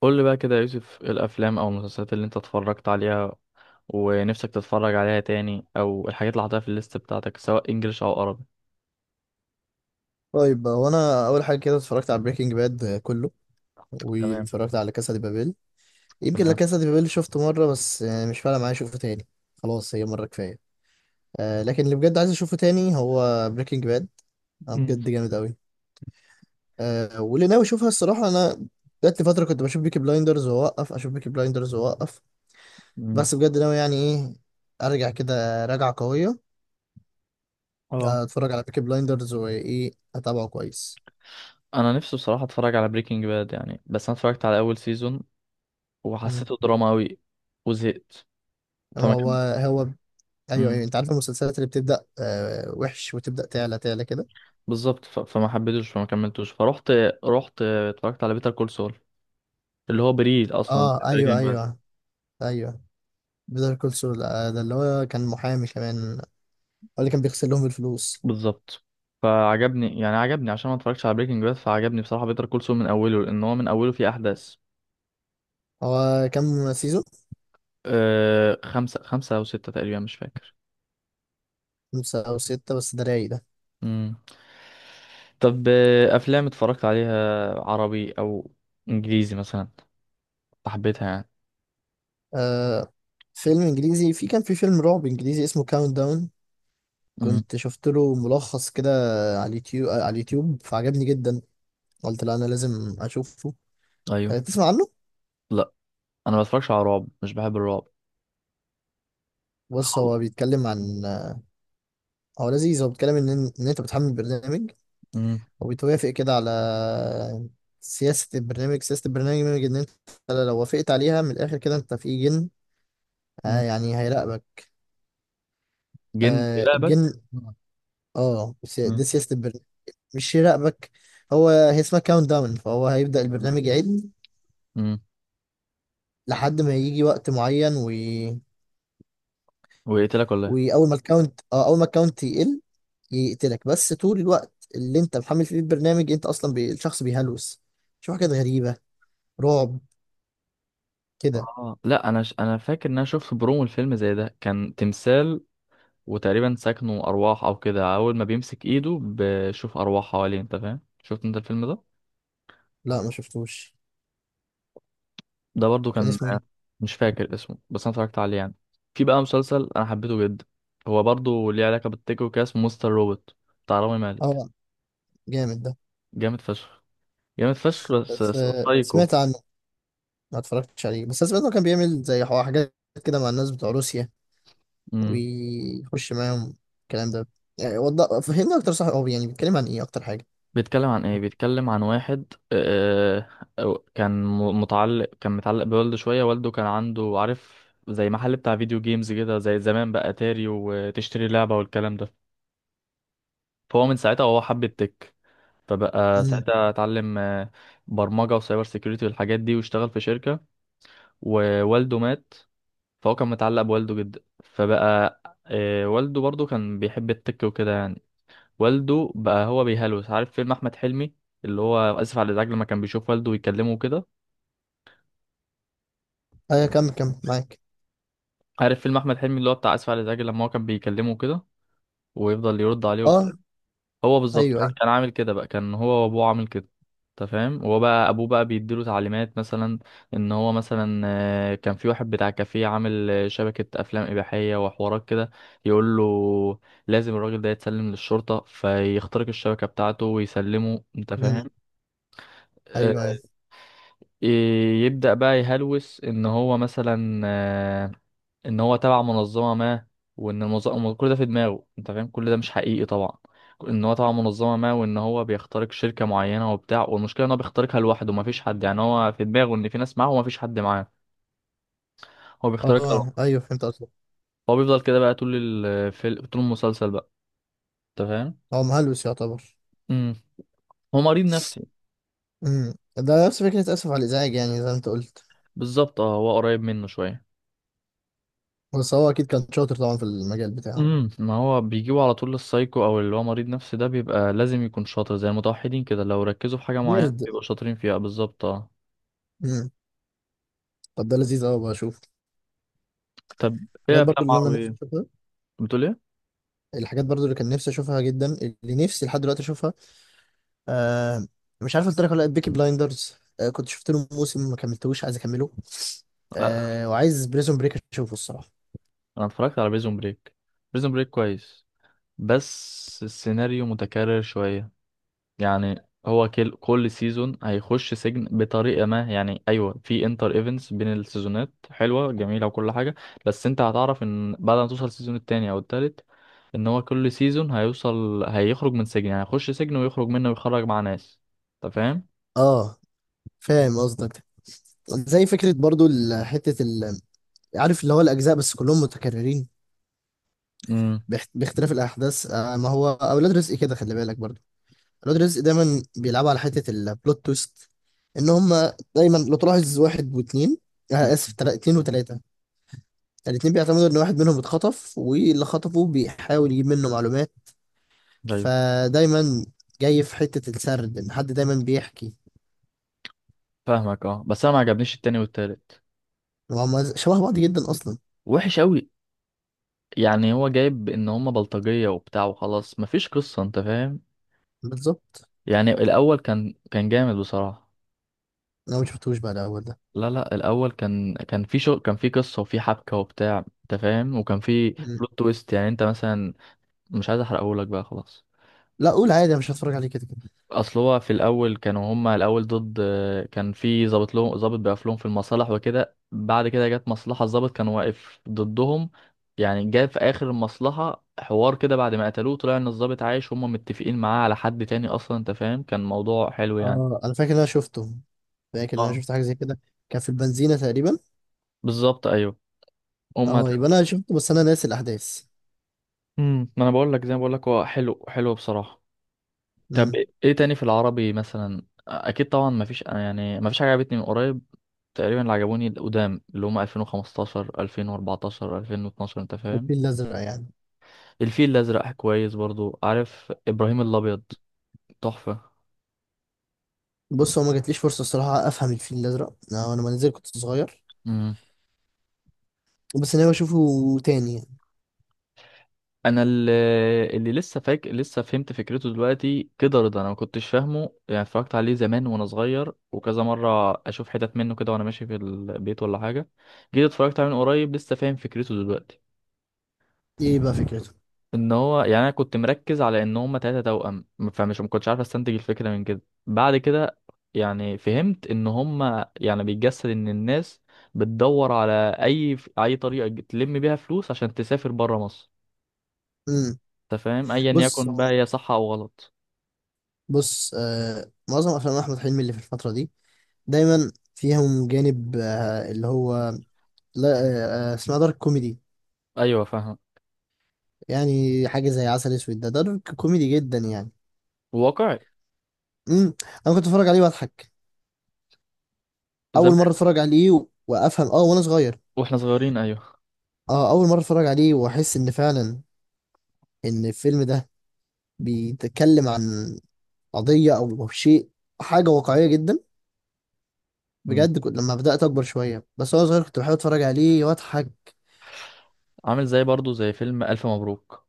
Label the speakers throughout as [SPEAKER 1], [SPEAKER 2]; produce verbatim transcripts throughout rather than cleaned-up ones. [SPEAKER 1] قول لي بقى كده يا يوسف، إيه الافلام او المسلسلات اللي انت اتفرجت عليها ونفسك تتفرج عليها تاني، او الحاجات اللي حاططها في الليست بتاعتك سواء انجليش او عربي.
[SPEAKER 2] طيب، هو انا اول حاجه كده اتفرجت على بريكنج باد كله،
[SPEAKER 1] تمام.
[SPEAKER 2] واتفرجت على كاسا دي بابيل. يمكن لا،
[SPEAKER 1] تمام.
[SPEAKER 2] كاسا دي بابيل شفته مره بس، يعني مش فارقه معايا اشوفه تاني. خلاص هي مره كفايه. آه، لكن اللي بجد عايز اشوفه تاني هو بريكنج باد، انا
[SPEAKER 1] امم.
[SPEAKER 2] بجد جامد قوي. آه، واللي ناوي اشوفها الصراحه انا، جات لي فتره كنت بشوف بيكي بلايندرز واوقف، اشوف بيكي بلايندرز واوقف،
[SPEAKER 1] مم.
[SPEAKER 2] بس بجد ناوي، يعني ايه، ارجع كده راجعه قويه.
[SPEAKER 1] اه،
[SPEAKER 2] آه، اتفرج على بيكي بلايندرز، وايه اتابعه كويس.
[SPEAKER 1] انا نفسي بصراحه اتفرج على بريكنج باد يعني، بس انا اتفرجت على اول سيزون
[SPEAKER 2] مم.
[SPEAKER 1] وحسيته دراما قوي وزهقت. فما
[SPEAKER 2] هو
[SPEAKER 1] كم...
[SPEAKER 2] هو ايوه ايوه،
[SPEAKER 1] مم.
[SPEAKER 2] انت عارف المسلسلات اللي بتبدا آه وحش وتبدا تعلى تعلى كده.
[SPEAKER 1] بالظبط. ف... فما حبيتوش، فما كملتوش، فروحت رحت اتفرجت على بيتر كول سول، اللي هو بريد اصلا
[SPEAKER 2] اه ايوه
[SPEAKER 1] بريكنج.
[SPEAKER 2] ايوه ايوه، بيتر كول سول، آه ده اللي هو كان محامي كمان، هو اللي كان بيغسل لهم الفلوس.
[SPEAKER 1] بالظبط. فعجبني يعني عجبني عشان ما اتفرجتش على بريكنج باد، فعجبني بصراحة بيتر كول سول من أوله، لأن هو من أوله فيه أحداث.
[SPEAKER 2] هو كام سيزون؟
[SPEAKER 1] أه، خمسة خمسة أو ستة تقريبا، مش فاكر.
[SPEAKER 2] خمسة او ستة، بس ده رايق ده.
[SPEAKER 1] مم. طب، آه، أفلام اتفرجت عليها عربي أو إنجليزي مثلا، حبيتها يعني؟
[SPEAKER 2] آه، فيلم انجليزي، في كان في فيلم رعب انجليزي اسمه كاونت داون،
[SPEAKER 1] مم.
[SPEAKER 2] كنت شفت له ملخص كده على اليوتيوب على اليوتيوب فعجبني جدا، قلت لا انا لازم اشوفه. آه،
[SPEAKER 1] أيوه.
[SPEAKER 2] تسمع عنه؟
[SPEAKER 1] لا، أنا ما بتفرجش على رعب، مش بحب الرعب
[SPEAKER 2] بص، هو
[SPEAKER 1] خالص.
[SPEAKER 2] بيتكلم عن آه، هو لذيذ، هو بيتكلم ان ان انت بتحمل برنامج
[SPEAKER 1] مم.
[SPEAKER 2] وبتوافق كده على سياسة البرنامج سياسة البرنامج، إن أنت لو وافقت عليها من الآخر كده أنت في جن، آه
[SPEAKER 1] مم.
[SPEAKER 2] يعني هيراقبك.
[SPEAKER 1] جن
[SPEAKER 2] آه
[SPEAKER 1] يلعبك.
[SPEAKER 2] الجن. اه سي- دي
[SPEAKER 1] مم.
[SPEAKER 2] سياسة البرنامج، مش يراقبك. هو هي اسمها كاونت داون، فهو هيبدأ البرنامج يعد
[SPEAKER 1] مم.
[SPEAKER 2] لحد ما يجي وقت معين وي...
[SPEAKER 1] ويقتلك ولا إيه؟
[SPEAKER 2] وأول ما الكاونت اه أول ما الكاونت يقل يقتلك، بس طول الوقت اللي أنت محمل فيه البرنامج أنت أصلا بي... الشخص بيهلوس، شوف حاجات غريبة، رعب كده.
[SPEAKER 1] آه. لا، أنا ش... أنا فاكر إن أنا شفت برومو الفيلم زي ده، كان تمثال وتقريبا سكنه أرواح أو كده، أول ما بيمسك إيده بشوف أرواح حواليه، أنت فاهم؟ شفت أنت الفيلم ده؟
[SPEAKER 2] لا ما شفتوش،
[SPEAKER 1] ده برضو
[SPEAKER 2] كان
[SPEAKER 1] كان.
[SPEAKER 2] اسمه إيه؟
[SPEAKER 1] مش فاكر اسمه، بس أنا اتفرجت عليه يعني. في بقى مسلسل أنا حبيته جدا، هو برضو ليه علاقة بالتيك وكده، اسمه مستر روبوت بتاع رامي مالك.
[SPEAKER 2] اه جامد ده.
[SPEAKER 1] جامد فشخ. جامد فشخ، بس.
[SPEAKER 2] بس آه،
[SPEAKER 1] سايكو.
[SPEAKER 2] سمعت عنه، ما اتفرجتش عليه بس انا سمعت انه كان بيعمل زي حو- حاجات كده مع الناس بتوع روسيا ويخش معاهم الكلام ده، يعني وضح فهمني اكتر، صح هو يعني بيتكلم عن ايه اكتر حاجه؟
[SPEAKER 1] بيتكلم عن ايه؟ بيتكلم عن واحد، آه، أو- كان م- متعلق كان متعلق بوالده شوية، والده كان عنده عارف زي محل بتاع فيديو جيمز كده، زي زمان بقى اتاري وتشتري لعبة والكلام ده. فهو من ساعتها وهو حب التك، فبقى
[SPEAKER 2] امم،
[SPEAKER 1] ساعتها اتعلم آه، برمجة وسايبر سيكيورتي والحاجات دي، واشتغل في شركة، ووالده مات. فهو كان متعلق بوالده جدا، فبقى آه، والده برضه كان بيحب التك وكده يعني. والده بقى، هو بيهلوس، عارف فيلم احمد حلمي اللي هو اسف على الازعاج، لما كان بيشوف والده ويكلمه كده؟
[SPEAKER 2] ايوه، كمل كمل معاك.
[SPEAKER 1] عارف فيلم احمد حلمي اللي هو بتاع اسف على الازعاج، لما هو كان بيكلمه كده ويفضل يرد عليه وبتاع؟
[SPEAKER 2] اه
[SPEAKER 1] هو بالظبط
[SPEAKER 2] ايوه
[SPEAKER 1] كان
[SPEAKER 2] ايوه.
[SPEAKER 1] كان عامل كده بقى، كان هو وابوه عامل كده. انت فاهم؟ هو بقى، ابوه بقى بيديله تعليمات مثلا، ان هو مثلا آه، كان في واحد بتاع كافيه عامل آه، شبكة افلام اباحية وحوارات كده، يقول له لازم الراجل ده يتسلم للشرطة، فيخترق الشبكة بتاعته ويسلمه. انت فاهم؟
[SPEAKER 2] امم،
[SPEAKER 1] آه،
[SPEAKER 2] ايوه ايوه.
[SPEAKER 1] ي- يبدأ بقى يهلوس ان هو مثلا آه، ان هو تبع منظمة ما، وان المنظمة، كل ده في دماغه، انت فاهم، كل ده مش حقيقي طبعا، ان هو تبع منظمة ما، وان هو بيخترق شركة معينة وبتاع. والمشكلة ان هو بيخترقها لوحده، مفيش حد، يعني هو في دماغه ان في ناس معاه ومفيش حد معاه، هو بيخترقها
[SPEAKER 2] اه
[SPEAKER 1] لوحده.
[SPEAKER 2] ايوه فهمت قصدك.
[SPEAKER 1] هو بيفضل كده بقى طول الفيلم، طول المسلسل بقى، انت فاهم؟
[SPEAKER 2] هو مهلوس يعتبر.
[SPEAKER 1] امم. هو مريض نفسي.
[SPEAKER 2] امم ده نفس فكره اسف على الازعاج، يعني زي ما انت قلت.
[SPEAKER 1] بالظبط، اه، هو قريب منه شوية.
[SPEAKER 2] بس هو اكيد كان شاطر طبعا في المجال بتاعه.
[SPEAKER 1] امم. ما هو بيجيبوا على طول للسايكو، او اللي هو مريض نفسي ده بيبقى لازم يكون شاطر، زي المتوحدين كده، لو ركزوا في حاجه معينه
[SPEAKER 2] نرد.
[SPEAKER 1] بيبقوا شاطرين فيها، بالظبط اه.
[SPEAKER 2] امم طب ده لذيذ قوي، بشوف
[SPEAKER 1] طب ايه
[SPEAKER 2] حاجات
[SPEAKER 1] افلام
[SPEAKER 2] برضو اللي انا نفسي
[SPEAKER 1] عربيه،
[SPEAKER 2] اشوفها.
[SPEAKER 1] بتقول ايه؟
[SPEAKER 2] الحاجات برضو اللي كان نفسي اشوفها جدا، اللي نفسي لحد دلوقتي اشوفها. آه، مش عارف قلت لك ولا لا، بيكي بلايندرز آه كنت شفت له موسم ما كملتهوش، عايز اكمله.
[SPEAKER 1] آه. آه،
[SPEAKER 2] آه، وعايز بريزون بريك اشوفه الصراحه.
[SPEAKER 1] انا اتفرجت على بريزون بريك. بريزون بريك كويس، بس السيناريو متكرر شويه، يعني هو كل كل سيزون هيخش سجن بطريقه ما، يعني ايوه في انتر ايفنتس بين السيزونات حلوه جميله وكل حاجه، بس انت هتعرف ان بعد ما توصل السيزون التاني او التالت، ان هو كل سيزون هيوصل، هيخرج من سجن، يعني هيخش سجن ويخرج منه، ويخرج مع ناس. انت فاهم؟
[SPEAKER 2] اه فاهم قصدك، زي فكره برضو ال- حته ال... عارف اللي هو الاجزاء، بس كلهم متكررين
[SPEAKER 1] امم.
[SPEAKER 2] باخت- باختلاف الاحداث. آه، ما هو اولاد رزق كده خلي بالك برضو، اولاد رزق دايما بيلعبوا على حته البلوت تويست، ان هم دايما لو تلاحظ واحد واثنين،
[SPEAKER 1] مم.
[SPEAKER 2] آه اسف تلا- اتنين وتلاته، يعني الاتنين بيعتمدوا ان واحد منهم اتخطف واللي خطفه بيحاول يجيب منه معلومات،
[SPEAKER 1] ايوه
[SPEAKER 2] فدايما جاي في حتة السرد ان حد دايما بيحكي.
[SPEAKER 1] فاهمك. اه. بس انا ما عجبنيش التاني والتالت،
[SPEAKER 2] وهم شبه بعض جدا اصلا.
[SPEAKER 1] وحش قوي، يعني هو جايب ان هما بلطجية وبتاع وخلاص، مفيش قصة، انت فاهم؟
[SPEAKER 2] بالظبط.
[SPEAKER 1] يعني الاول كان كان جامد بصراحة.
[SPEAKER 2] انا ما شفتوش بقى الاول ده.
[SPEAKER 1] لا لا، الاول كان كان في شو، كان في قصة وفي حبكة وبتاع، انت فاهم، وكان في
[SPEAKER 2] مم.
[SPEAKER 1] بلوت تويست. يعني انت مثلا مش عايز احرقهولك بقى خلاص.
[SPEAKER 2] لا قول عادي، انا مش هتفرج عليه كده كده.
[SPEAKER 1] اصل هو في الاول كانوا هما الاول ضد، كان في ظابط لهم، ظابط بيقف لهم في المصالح وكده، بعد كده جت مصلحه، الظابط كان واقف ضدهم، يعني جه في اخر المصلحه حوار كده، بعد ما قتلوه طلع ان الظابط عايش، هما متفقين معاه على حد تاني اصلا، انت فاهم، كان موضوع حلو يعني.
[SPEAKER 2] اه انا فاكر ان انا شفته، فاكر ان
[SPEAKER 1] اه.
[SPEAKER 2] انا شفت حاجة زي كده، كان في البنزينة تقريبا.
[SPEAKER 1] بالظبط، ايوه، هما.
[SPEAKER 2] اه يبقى انا شفته بس انا ناسي الاحداث.
[SPEAKER 1] امم. ما انا بقول لك، زي ما بقول لك، هو حلو حلو بصراحه. طب
[SPEAKER 2] امم
[SPEAKER 1] ايه إيه تاني في العربي مثلا؟ اكيد طبعا ما فيش، انا يعني ما فيش حاجه عجبتني من قريب تقريبا، اللي عجبوني القدام اللي هم ألفين وخمستاشر ألفين واربعتاشر ألفين واتناشر، انت فاهم.
[SPEAKER 2] الفيل الازرق يعني؟
[SPEAKER 1] الفيل الازرق كويس برضو، عارف ابراهيم الابيض، تحفه.
[SPEAKER 2] بص، هو ما جاتليش فرصة الصراحة افهم الفيل الازرق انا، أنا لما نزل كنت صغير،
[SPEAKER 1] امم.
[SPEAKER 2] بس انا بشوفه تاني يعني.
[SPEAKER 1] انا اللي, اللي لسه فاك لسه فهمت فكرته دلوقتي كده رضا، انا ما كنتش فاهمه يعني، اتفرجت عليه زمان وانا صغير، وكذا مره اشوف حتت منه كده وانا ماشي في البيت ولا حاجه، جيت اتفرجت عليه من قريب لسه فاهم فكرته دلوقتي.
[SPEAKER 2] ايه بقى فكرته؟
[SPEAKER 1] ان هو يعني، انا كنت مركز على ان هما تلاتة توأم، فمش ما كنتش عارف استنتج الفكرة من كده. بعد كده يعني فهمت ان هما يعني بيتجسد ان الناس بتدور على اي اي طريقة تلم بيها فلوس عشان تسافر برا مصر.
[SPEAKER 2] امم
[SPEAKER 1] انت فاهم، ايا
[SPEAKER 2] بص
[SPEAKER 1] يكن بقى هي صح او غلط.
[SPEAKER 2] بص آه معظم افلام احمد حلمي اللي في الفتره دي دايما فيهم جانب آه اللي هو لا، آه آه، اسمها دارك كوميدي،
[SPEAKER 1] ايوه فاهم.
[SPEAKER 2] يعني حاجه زي عسل اسود ده دارك كوميدي جدا يعني.
[SPEAKER 1] واقعي.
[SPEAKER 2] امم انا كنت اتفرج عليه واضحك، اول
[SPEAKER 1] زمان.
[SPEAKER 2] مره اتفرج عليه و- وافهم اه وانا صغير.
[SPEAKER 1] واحنا صغيرين، ايوه.
[SPEAKER 2] اه اول مره اتفرج عليه واحس ان فعلا ان الفيلم ده بيتكلم عن قضيه او أو شيء، حاجه واقعيه جدا
[SPEAKER 1] مم.
[SPEAKER 2] بجد، كنت لما بدات اكبر شويه، بس وانا صغير كنت بحب اتفرج عليه واضحك.
[SPEAKER 1] عامل زي، برضو زي فيلم الف مبروك.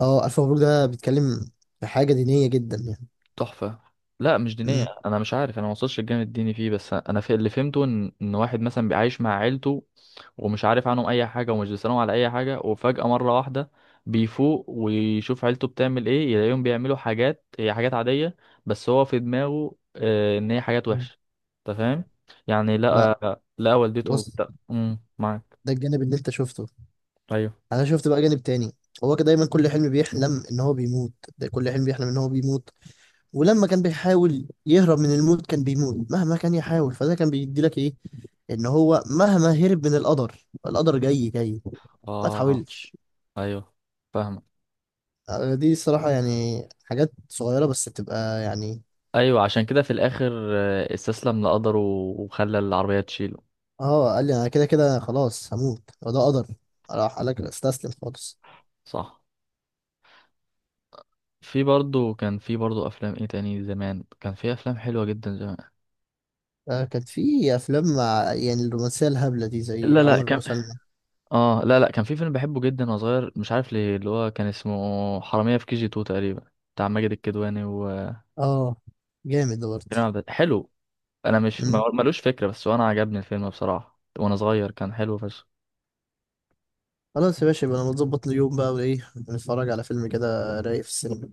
[SPEAKER 2] اه الف مبروك ده بيتكلم في حاجه دينيه جدا يعني.
[SPEAKER 1] تحفة. لا مش دينية،
[SPEAKER 2] مم.
[SPEAKER 1] انا مش عارف، انا ما وصلتش الجانب الديني فيه، بس انا في اللي فهمته ان ان واحد مثلا بيعيش مع عيلته، ومش عارف عنهم اي حاجه، ومش بيسالهم على اي حاجه، وفجاه مره واحده بيفوق ويشوف عيلته بتعمل ايه، يلاقيهم بيعملوا حاجات، هي حاجات عاديه، بس هو في دماغه آه، ان هي حاجات
[SPEAKER 2] مم.
[SPEAKER 1] وحشه، انت فاهم؟ يعني
[SPEAKER 2] لا
[SPEAKER 1] لقى لقى والدته
[SPEAKER 2] بص،
[SPEAKER 1] بتا... امم، معاك؟
[SPEAKER 2] ده الجانب اللي انت شفته،
[SPEAKER 1] ايوه.
[SPEAKER 2] انا شفت بقى جانب تاني، هو كان دايما كل حلم بيحلم ان هو بيموت، ده كل حلم بيحلم ان هو بيموت، ولما كان بيحاول يهرب من الموت كان بيموت مهما كان يحاول، فده كان بيدي لك ايه، ان هو مهما هرب من القدر القدر جاي جاي، ما
[SPEAKER 1] اه
[SPEAKER 2] تحاولش.
[SPEAKER 1] ايوه، فاهمك.
[SPEAKER 2] آه، دي الصراحة يعني حاجات صغيرة بس بتبقى يعني.
[SPEAKER 1] ايوه، عشان كده في الاخر آه، استسلم لقدره، وخلى العربيه تشيله.
[SPEAKER 2] اه قال لي انا كده كده خلاص هموت وده قدر، راح قال لك استسلم خالص.
[SPEAKER 1] صح. في برضه، كان في برضه افلام ايه تاني؟ زمان كان في افلام حلوه جدا زمان.
[SPEAKER 2] آه، كانت في افلام مع يعني الرومانسيه الهبله دي زي
[SPEAKER 1] لا لا،
[SPEAKER 2] عمر
[SPEAKER 1] كان.
[SPEAKER 2] وسلمى.
[SPEAKER 1] اه، لا لا، كان في فيلم بحبه جدا وانا صغير، مش عارف ليه، اللي هو كان اسمه حرامية في كي جي اتنين تقريبا، بتاع ماجد الكدواني وكريم
[SPEAKER 2] اه جامد ده برضه.
[SPEAKER 1] عبد الع- حلو. انا مش
[SPEAKER 2] مم.
[SPEAKER 1] ما- ملوش فكرة، بس وانا عجبني الفيلم بصراحة، وانا صغير كان حلو فشخ.
[SPEAKER 2] خلاص يا باشا، يبقى انا متظبط يوم بقى، وايه نتفرج على فيلم كده رايق في السينما.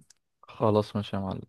[SPEAKER 1] خلاص ماشي يا معلم.